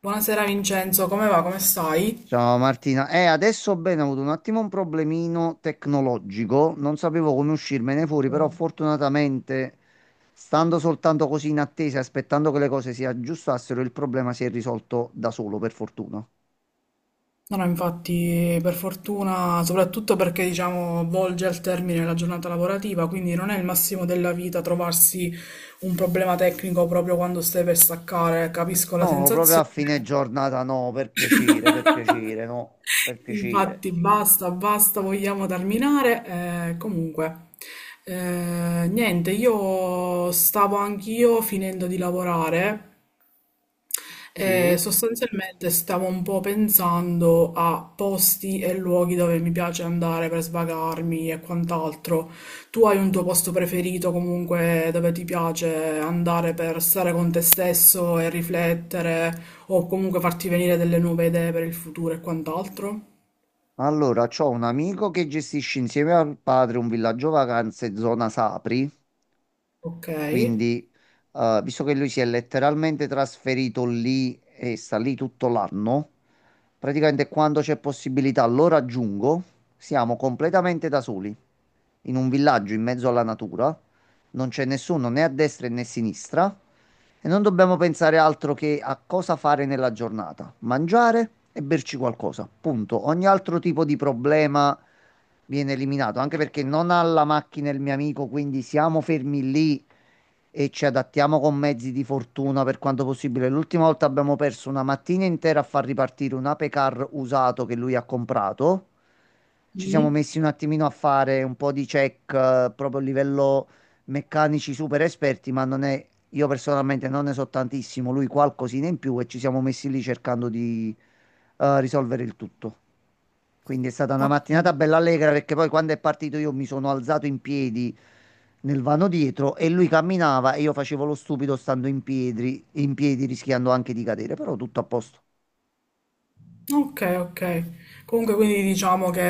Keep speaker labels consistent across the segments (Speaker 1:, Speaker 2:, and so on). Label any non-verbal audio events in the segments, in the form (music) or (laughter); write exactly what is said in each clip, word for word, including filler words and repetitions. Speaker 1: Buonasera Vincenzo, come va? Come stai?
Speaker 2: Ciao Martina, eh, adesso bene, ho avuto un attimo un problemino tecnologico, non sapevo come uscirmene fuori, però
Speaker 1: Mm.
Speaker 2: fortunatamente, stando soltanto così in attesa, aspettando che le cose si aggiustassero, il problema si è risolto da solo, per fortuna.
Speaker 1: No, no, infatti, per fortuna, soprattutto perché diciamo volge al termine la giornata lavorativa, quindi non è il massimo della vita trovarsi un problema tecnico proprio quando stai per staccare, capisco la
Speaker 2: No, proprio a
Speaker 1: sensazione.
Speaker 2: fine giornata, no, per piacere, per
Speaker 1: (laughs)
Speaker 2: piacere, no, per piacere.
Speaker 1: Infatti, basta, basta, vogliamo terminare. Eh, comunque, eh, niente, io stavo anch'io finendo di lavorare.
Speaker 2: Sì,
Speaker 1: Eh, sostanzialmente stavo un po' pensando a posti e luoghi dove mi piace andare per svagarmi e quant'altro. Tu hai un tuo posto preferito comunque dove ti piace andare per stare con te stesso e riflettere o comunque farti venire delle nuove idee per il futuro e quant'altro?
Speaker 2: Allora, c'ho un amico che gestisce insieme al padre un villaggio vacanze zona Sapri.
Speaker 1: Ok.
Speaker 2: Quindi, eh, visto che lui si è letteralmente trasferito lì e sta lì tutto l'anno, praticamente quando c'è possibilità lo raggiungo. Siamo completamente da soli, in un villaggio in mezzo alla natura. Non c'è nessuno né a destra né a sinistra e non dobbiamo pensare altro che a cosa fare nella giornata, mangiare e berci qualcosa. Punto. Ogni altro tipo di problema viene eliminato, anche perché non ha la macchina il mio amico, quindi siamo fermi lì e ci adattiamo con mezzi di fortuna per quanto possibile. L'ultima volta abbiamo perso una mattina intera a far ripartire un apecar usato che lui ha comprato. Ci siamo
Speaker 1: Mm.
Speaker 2: messi un attimino a fare un po' di check, eh, proprio a livello meccanici super esperti, ma non è, io personalmente non ne so tantissimo, lui qualcosina in più e ci siamo messi lì cercando di eh, risolvere il tutto. Quindi è stata una
Speaker 1: Ok.
Speaker 2: mattinata bella allegra perché poi quando è partito io mi sono alzato in piedi nel vano dietro e lui camminava e io facevo lo stupido stando in piedi, in piedi rischiando anche di cadere, però tutto a posto.
Speaker 1: Okay, okay. Comunque, quindi diciamo che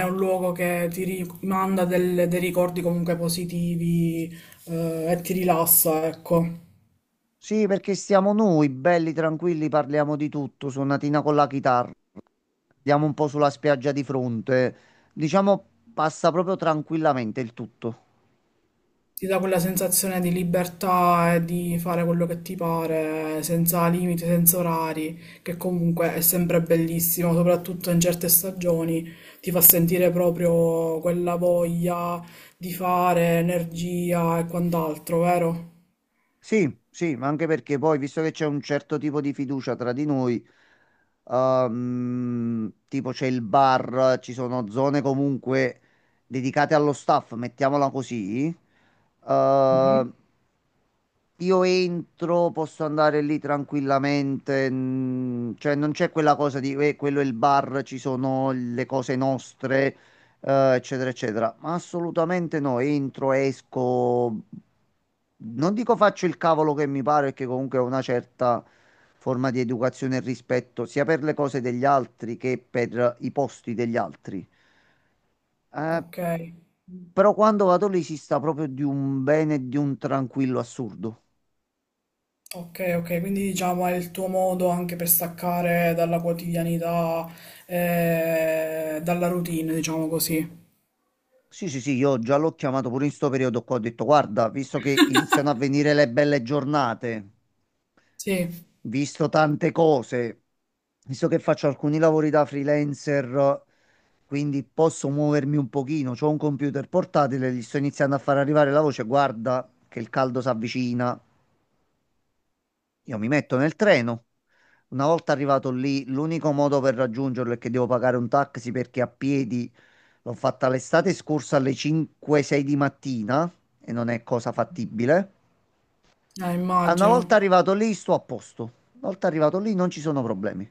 Speaker 1: è un luogo che ti rimanda del- dei ricordi comunque positivi, eh, e ti rilassa, ecco.
Speaker 2: Sì, perché siamo noi, belli, tranquilli, parliamo di tutto, suonatina con la chitarra, andiamo un po' sulla spiaggia di fronte, diciamo passa proprio tranquillamente il tutto.
Speaker 1: Ti dà quella sensazione di libertà e di fare quello che ti pare, senza limiti, senza orari, che comunque è sempre bellissimo, soprattutto in certe stagioni. Ti fa sentire proprio quella voglia di fare, energia e quant'altro, vero?
Speaker 2: Sì, sì, ma anche perché poi, visto che c'è un certo tipo di fiducia tra di noi, ehm, tipo c'è il bar, ci sono zone comunque dedicate allo staff, mettiamola così. Eh,
Speaker 1: Mhm.
Speaker 2: io entro, posso andare lì tranquillamente, mm, cioè non c'è quella cosa di "Eh, quello è il bar, ci sono le cose nostre, eh, eccetera, eccetera". Ma assolutamente no, entro, esco, non dico faccio il cavolo che mi pare, perché comunque ho una certa forma di educazione e rispetto sia per le cose degli altri che per i posti degli altri. Eh,
Speaker 1: Ok.
Speaker 2: Però quando vado lì si sta proprio di un bene e di un tranquillo assurdo.
Speaker 1: Ok, ok, quindi diciamo è il tuo modo anche per staccare dalla quotidianità, eh, dalla routine, diciamo così.
Speaker 2: Sì, sì, sì, io già l'ho chiamato pure in sto periodo qua, ho detto, guarda, visto che iniziano a venire le belle giornate,
Speaker 1: Sì, eh,
Speaker 2: visto tante cose, visto che faccio alcuni lavori da freelancer, quindi posso muovermi un pochino, c'ho un computer portatile, gli sto iniziando a far arrivare la voce, guarda che il caldo si avvicina, io mi metto nel treno. Una volta arrivato lì, l'unico modo per raggiungerlo è che devo pagare un taxi perché a piedi l'ho fatta l'estate scorsa alle cinque sei di mattina e non è cosa fattibile. Ah, una volta
Speaker 1: immagino.
Speaker 2: arrivato lì, sto a posto. Una volta arrivato lì, non ci sono problemi.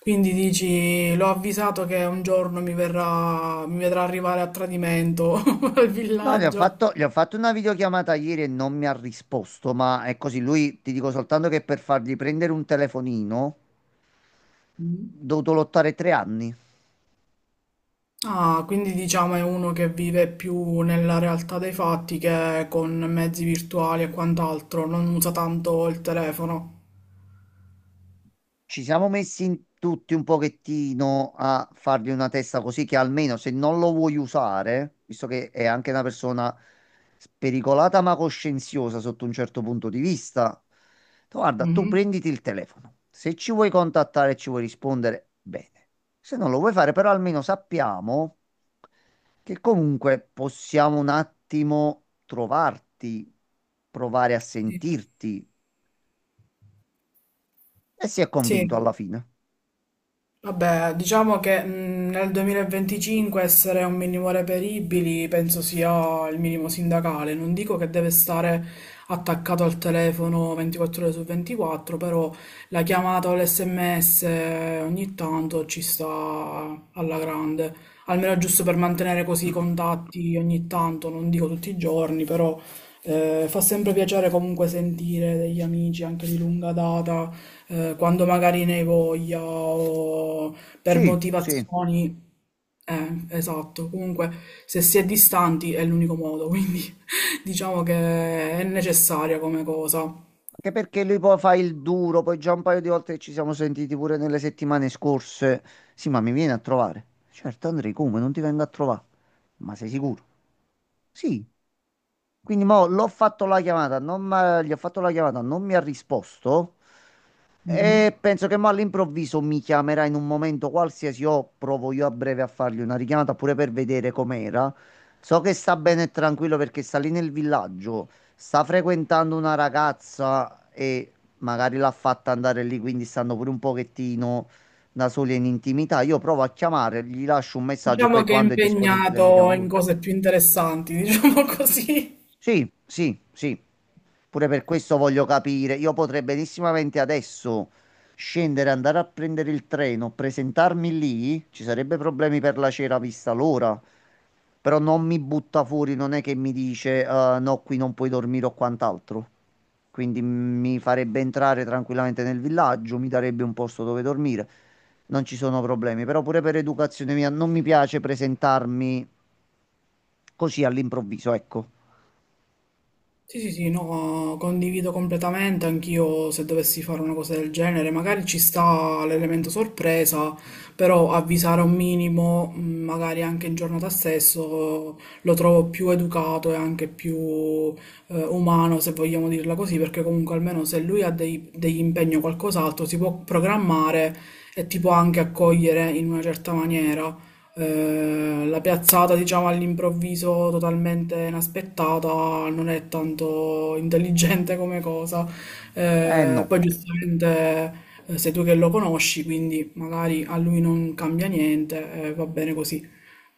Speaker 1: Quindi dici, l'ho avvisato che un giorno mi verrà, mi vedrà arrivare a tradimento (laughs) al
Speaker 2: No, gli ho
Speaker 1: villaggio.
Speaker 2: fatto, gli ho fatto una videochiamata ieri e non mi ha risposto, ma è così. Lui, ti dico soltanto che per fargli prendere un telefonino, ho
Speaker 1: Mm.
Speaker 2: dovuto lottare tre anni.
Speaker 1: Ah, quindi diciamo è uno che vive più nella realtà dei fatti che con mezzi virtuali e quant'altro, non usa tanto il telefono.
Speaker 2: Ci siamo messi in tutti un pochettino a fargli una testa così che almeno se non lo vuoi usare, visto che è anche una persona spericolata ma coscienziosa sotto un certo punto di vista, tu guarda, tu
Speaker 1: Mhm.
Speaker 2: prenditi il telefono. Se ci vuoi contattare e ci vuoi rispondere, bene. Se non lo vuoi fare, però almeno sappiamo che comunque possiamo un attimo trovarti, provare a
Speaker 1: Sì.
Speaker 2: sentirti e si è
Speaker 1: Sì.
Speaker 2: convinto alla fine.
Speaker 1: Vabbè, diciamo che mh, nel duemilaventicinque essere un minimo reperibili penso sia il minimo sindacale. Non dico che deve stare attaccato al telefono ventiquattro ore su ventiquattro, però la chiamata o l'esse emme esse, eh, ogni tanto ci sta alla grande. Almeno giusto per mantenere così i contatti ogni tanto, non dico tutti i giorni, però, eh, fa sempre piacere comunque sentire degli amici anche di lunga data, eh, quando magari ne hai voglia o per
Speaker 2: Sì, sì.
Speaker 1: motivazioni. Eh, esatto. Comunque, se si è distanti è l'unico modo, quindi (laughs) diciamo che è necessaria come cosa.
Speaker 2: Anche perché lui poi fa il duro, poi già un paio di volte che ci siamo sentiti pure nelle settimane scorse. Sì, ma mi viene a trovare. Certo, Andrei, come? Non ti vengo a trovare. Ma sei sicuro? Sì, quindi mo l'ho fatto la chiamata, non m'ha- gli ho fatto la chiamata, non mi ha risposto
Speaker 1: Mhm.
Speaker 2: e penso che mo all'improvviso mi chiamerà in un momento qualsiasi o provo io a breve a fargli una richiamata pure per vedere com'era. So che sta bene e tranquillo perché sta lì nel villaggio, sta frequentando una ragazza e magari l'ha fatta andare lì, quindi stanno pure un pochettino da soli e in intimità. Io provo a chiamare, gli lascio un messaggio e poi
Speaker 1: Diciamo che è
Speaker 2: quando è disponibile mi
Speaker 1: impegnato
Speaker 2: chiama
Speaker 1: in
Speaker 2: lui.
Speaker 1: cose più interessanti, (laughs) diciamo così.
Speaker 2: Sì, sì, sì. Pure per questo voglio capire. Io potrei benissimamente adesso scendere, andare a prendere il treno, presentarmi lì. Ci sarebbe problemi per la cera vista l'ora. Però non mi butta fuori, non è che mi dice "Eh, no, qui non puoi dormire o quant'altro". Quindi mi farebbe entrare tranquillamente nel villaggio, mi darebbe un posto dove dormire. Non ci sono problemi. Però pure per educazione mia non mi piace presentarmi così all'improvviso, ecco.
Speaker 1: Sì, sì, sì, no, condivido completamente, anch'io se dovessi fare una cosa del genere, magari ci sta l'elemento sorpresa, però avvisare un minimo, mh, magari anche in giornata stesso, lo trovo più educato e anche più eh, umano, se vogliamo dirla così, perché comunque almeno se lui ha dei- degli impegni o qualcos'altro si può programmare e ti può anche accogliere in una certa maniera. Eh, la piazzata, diciamo, all'improvviso totalmente inaspettata non è tanto intelligente come cosa.
Speaker 2: Eh
Speaker 1: Eh,
Speaker 2: no,
Speaker 1: poi giustamente, eh, sei tu che lo conosci, quindi magari a lui non cambia niente, eh, va bene così.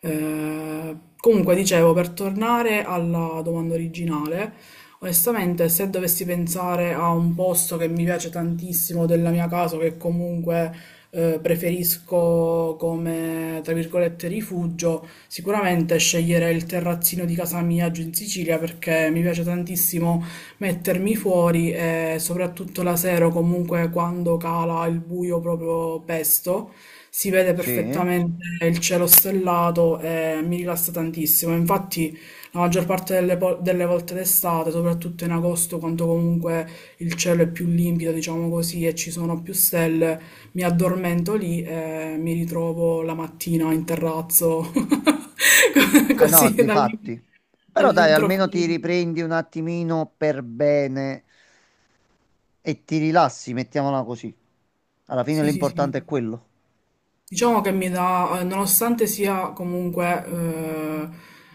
Speaker 1: Eh, comunque, dicevo, per tornare alla domanda originale, onestamente, se dovessi pensare a un posto che mi piace tantissimo della mia casa, che comunque eh, preferisco come, tra virgolette, rifugio, sicuramente sceglierei il terrazzino di casa mia giù in Sicilia, perché mi piace tantissimo mettermi fuori e soprattutto la sera, o comunque quando cala il buio proprio pesto, si vede
Speaker 2: sì.
Speaker 1: perfettamente il cielo stellato e mi rilassa tantissimo. Infatti la maggior parte delle, po- delle volte d'estate, soprattutto in agosto, quando comunque il cielo è più limpido, diciamo così, e ci sono più stelle, mi addormento lì e mi ritrovo la mattina in terrazzo, (laughs) co-
Speaker 2: Ah no,
Speaker 1: così dall'im-
Speaker 2: difatti. Però dai, almeno ti
Speaker 1: dall'improvviso.
Speaker 2: riprendi un attimino per bene e ti rilassi, mettiamola così. Alla fine
Speaker 1: Sì, sì, sì.
Speaker 2: l'importante è quello.
Speaker 1: Diciamo che mi dà, eh, nonostante sia comunque eh,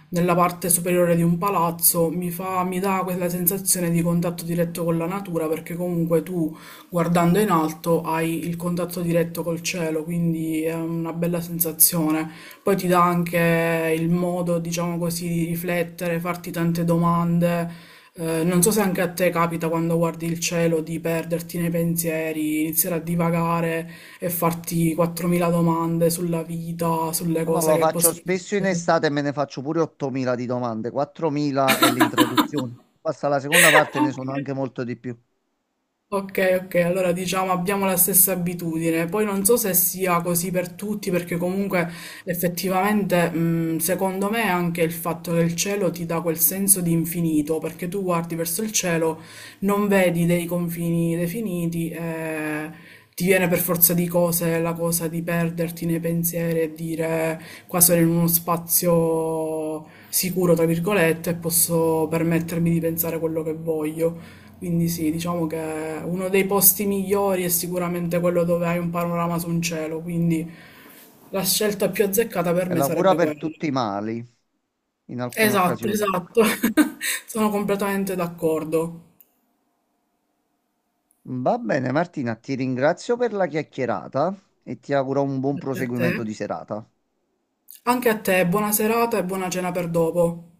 Speaker 1: nella parte superiore di un palazzo, mi fa, mi dà quella sensazione di contatto diretto con la natura, perché comunque tu guardando in alto hai il contatto diretto col cielo, quindi è una bella sensazione. Poi ti dà anche il modo, diciamo così, di riflettere, farti tante domande. Eh, non so se anche a te capita quando guardi il cielo di perderti nei pensieri, iniziare a divagare e farti quattromila domande sulla vita, sulle
Speaker 2: No, no,
Speaker 1: cose
Speaker 2: lo
Speaker 1: che
Speaker 2: faccio
Speaker 1: possono
Speaker 2: spesso in
Speaker 1: succedere.
Speaker 2: estate e me ne faccio pure ottomila di domande. quattromila è l'introduzione. Basta la seconda parte, ne sono anche
Speaker 1: (laughs)
Speaker 2: molto di più.
Speaker 1: Ok, ok, allora diciamo abbiamo la stessa abitudine. Poi non so se sia così per tutti, perché comunque effettivamente, mh, secondo me anche il fatto che il cielo ti dà quel senso di infinito, perché tu guardi verso il cielo, non vedi dei confini definiti, eh, ti viene per forza di cose la cosa di perderti nei pensieri e dire qua sono in uno spazio sicuro, tra virgolette, e posso permettermi di pensare quello che voglio. Quindi sì, diciamo che uno dei posti migliori è sicuramente quello dove hai un panorama su un cielo, quindi la scelta più azzeccata per
Speaker 2: È
Speaker 1: me
Speaker 2: la cura
Speaker 1: sarebbe
Speaker 2: per
Speaker 1: quella.
Speaker 2: tutti i mali, in alcune
Speaker 1: Esatto,
Speaker 2: occasioni.
Speaker 1: esatto. (laughs) Sono completamente d'accordo.
Speaker 2: Va bene, Martina, ti ringrazio per la chiacchierata e ti auguro un buon
Speaker 1: Grazie a
Speaker 2: proseguimento
Speaker 1: te.
Speaker 2: di serata.
Speaker 1: Anche a te, buona serata e buona cena per dopo.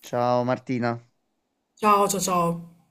Speaker 2: Ciao Martina.
Speaker 1: Ciao, ciao, ciao.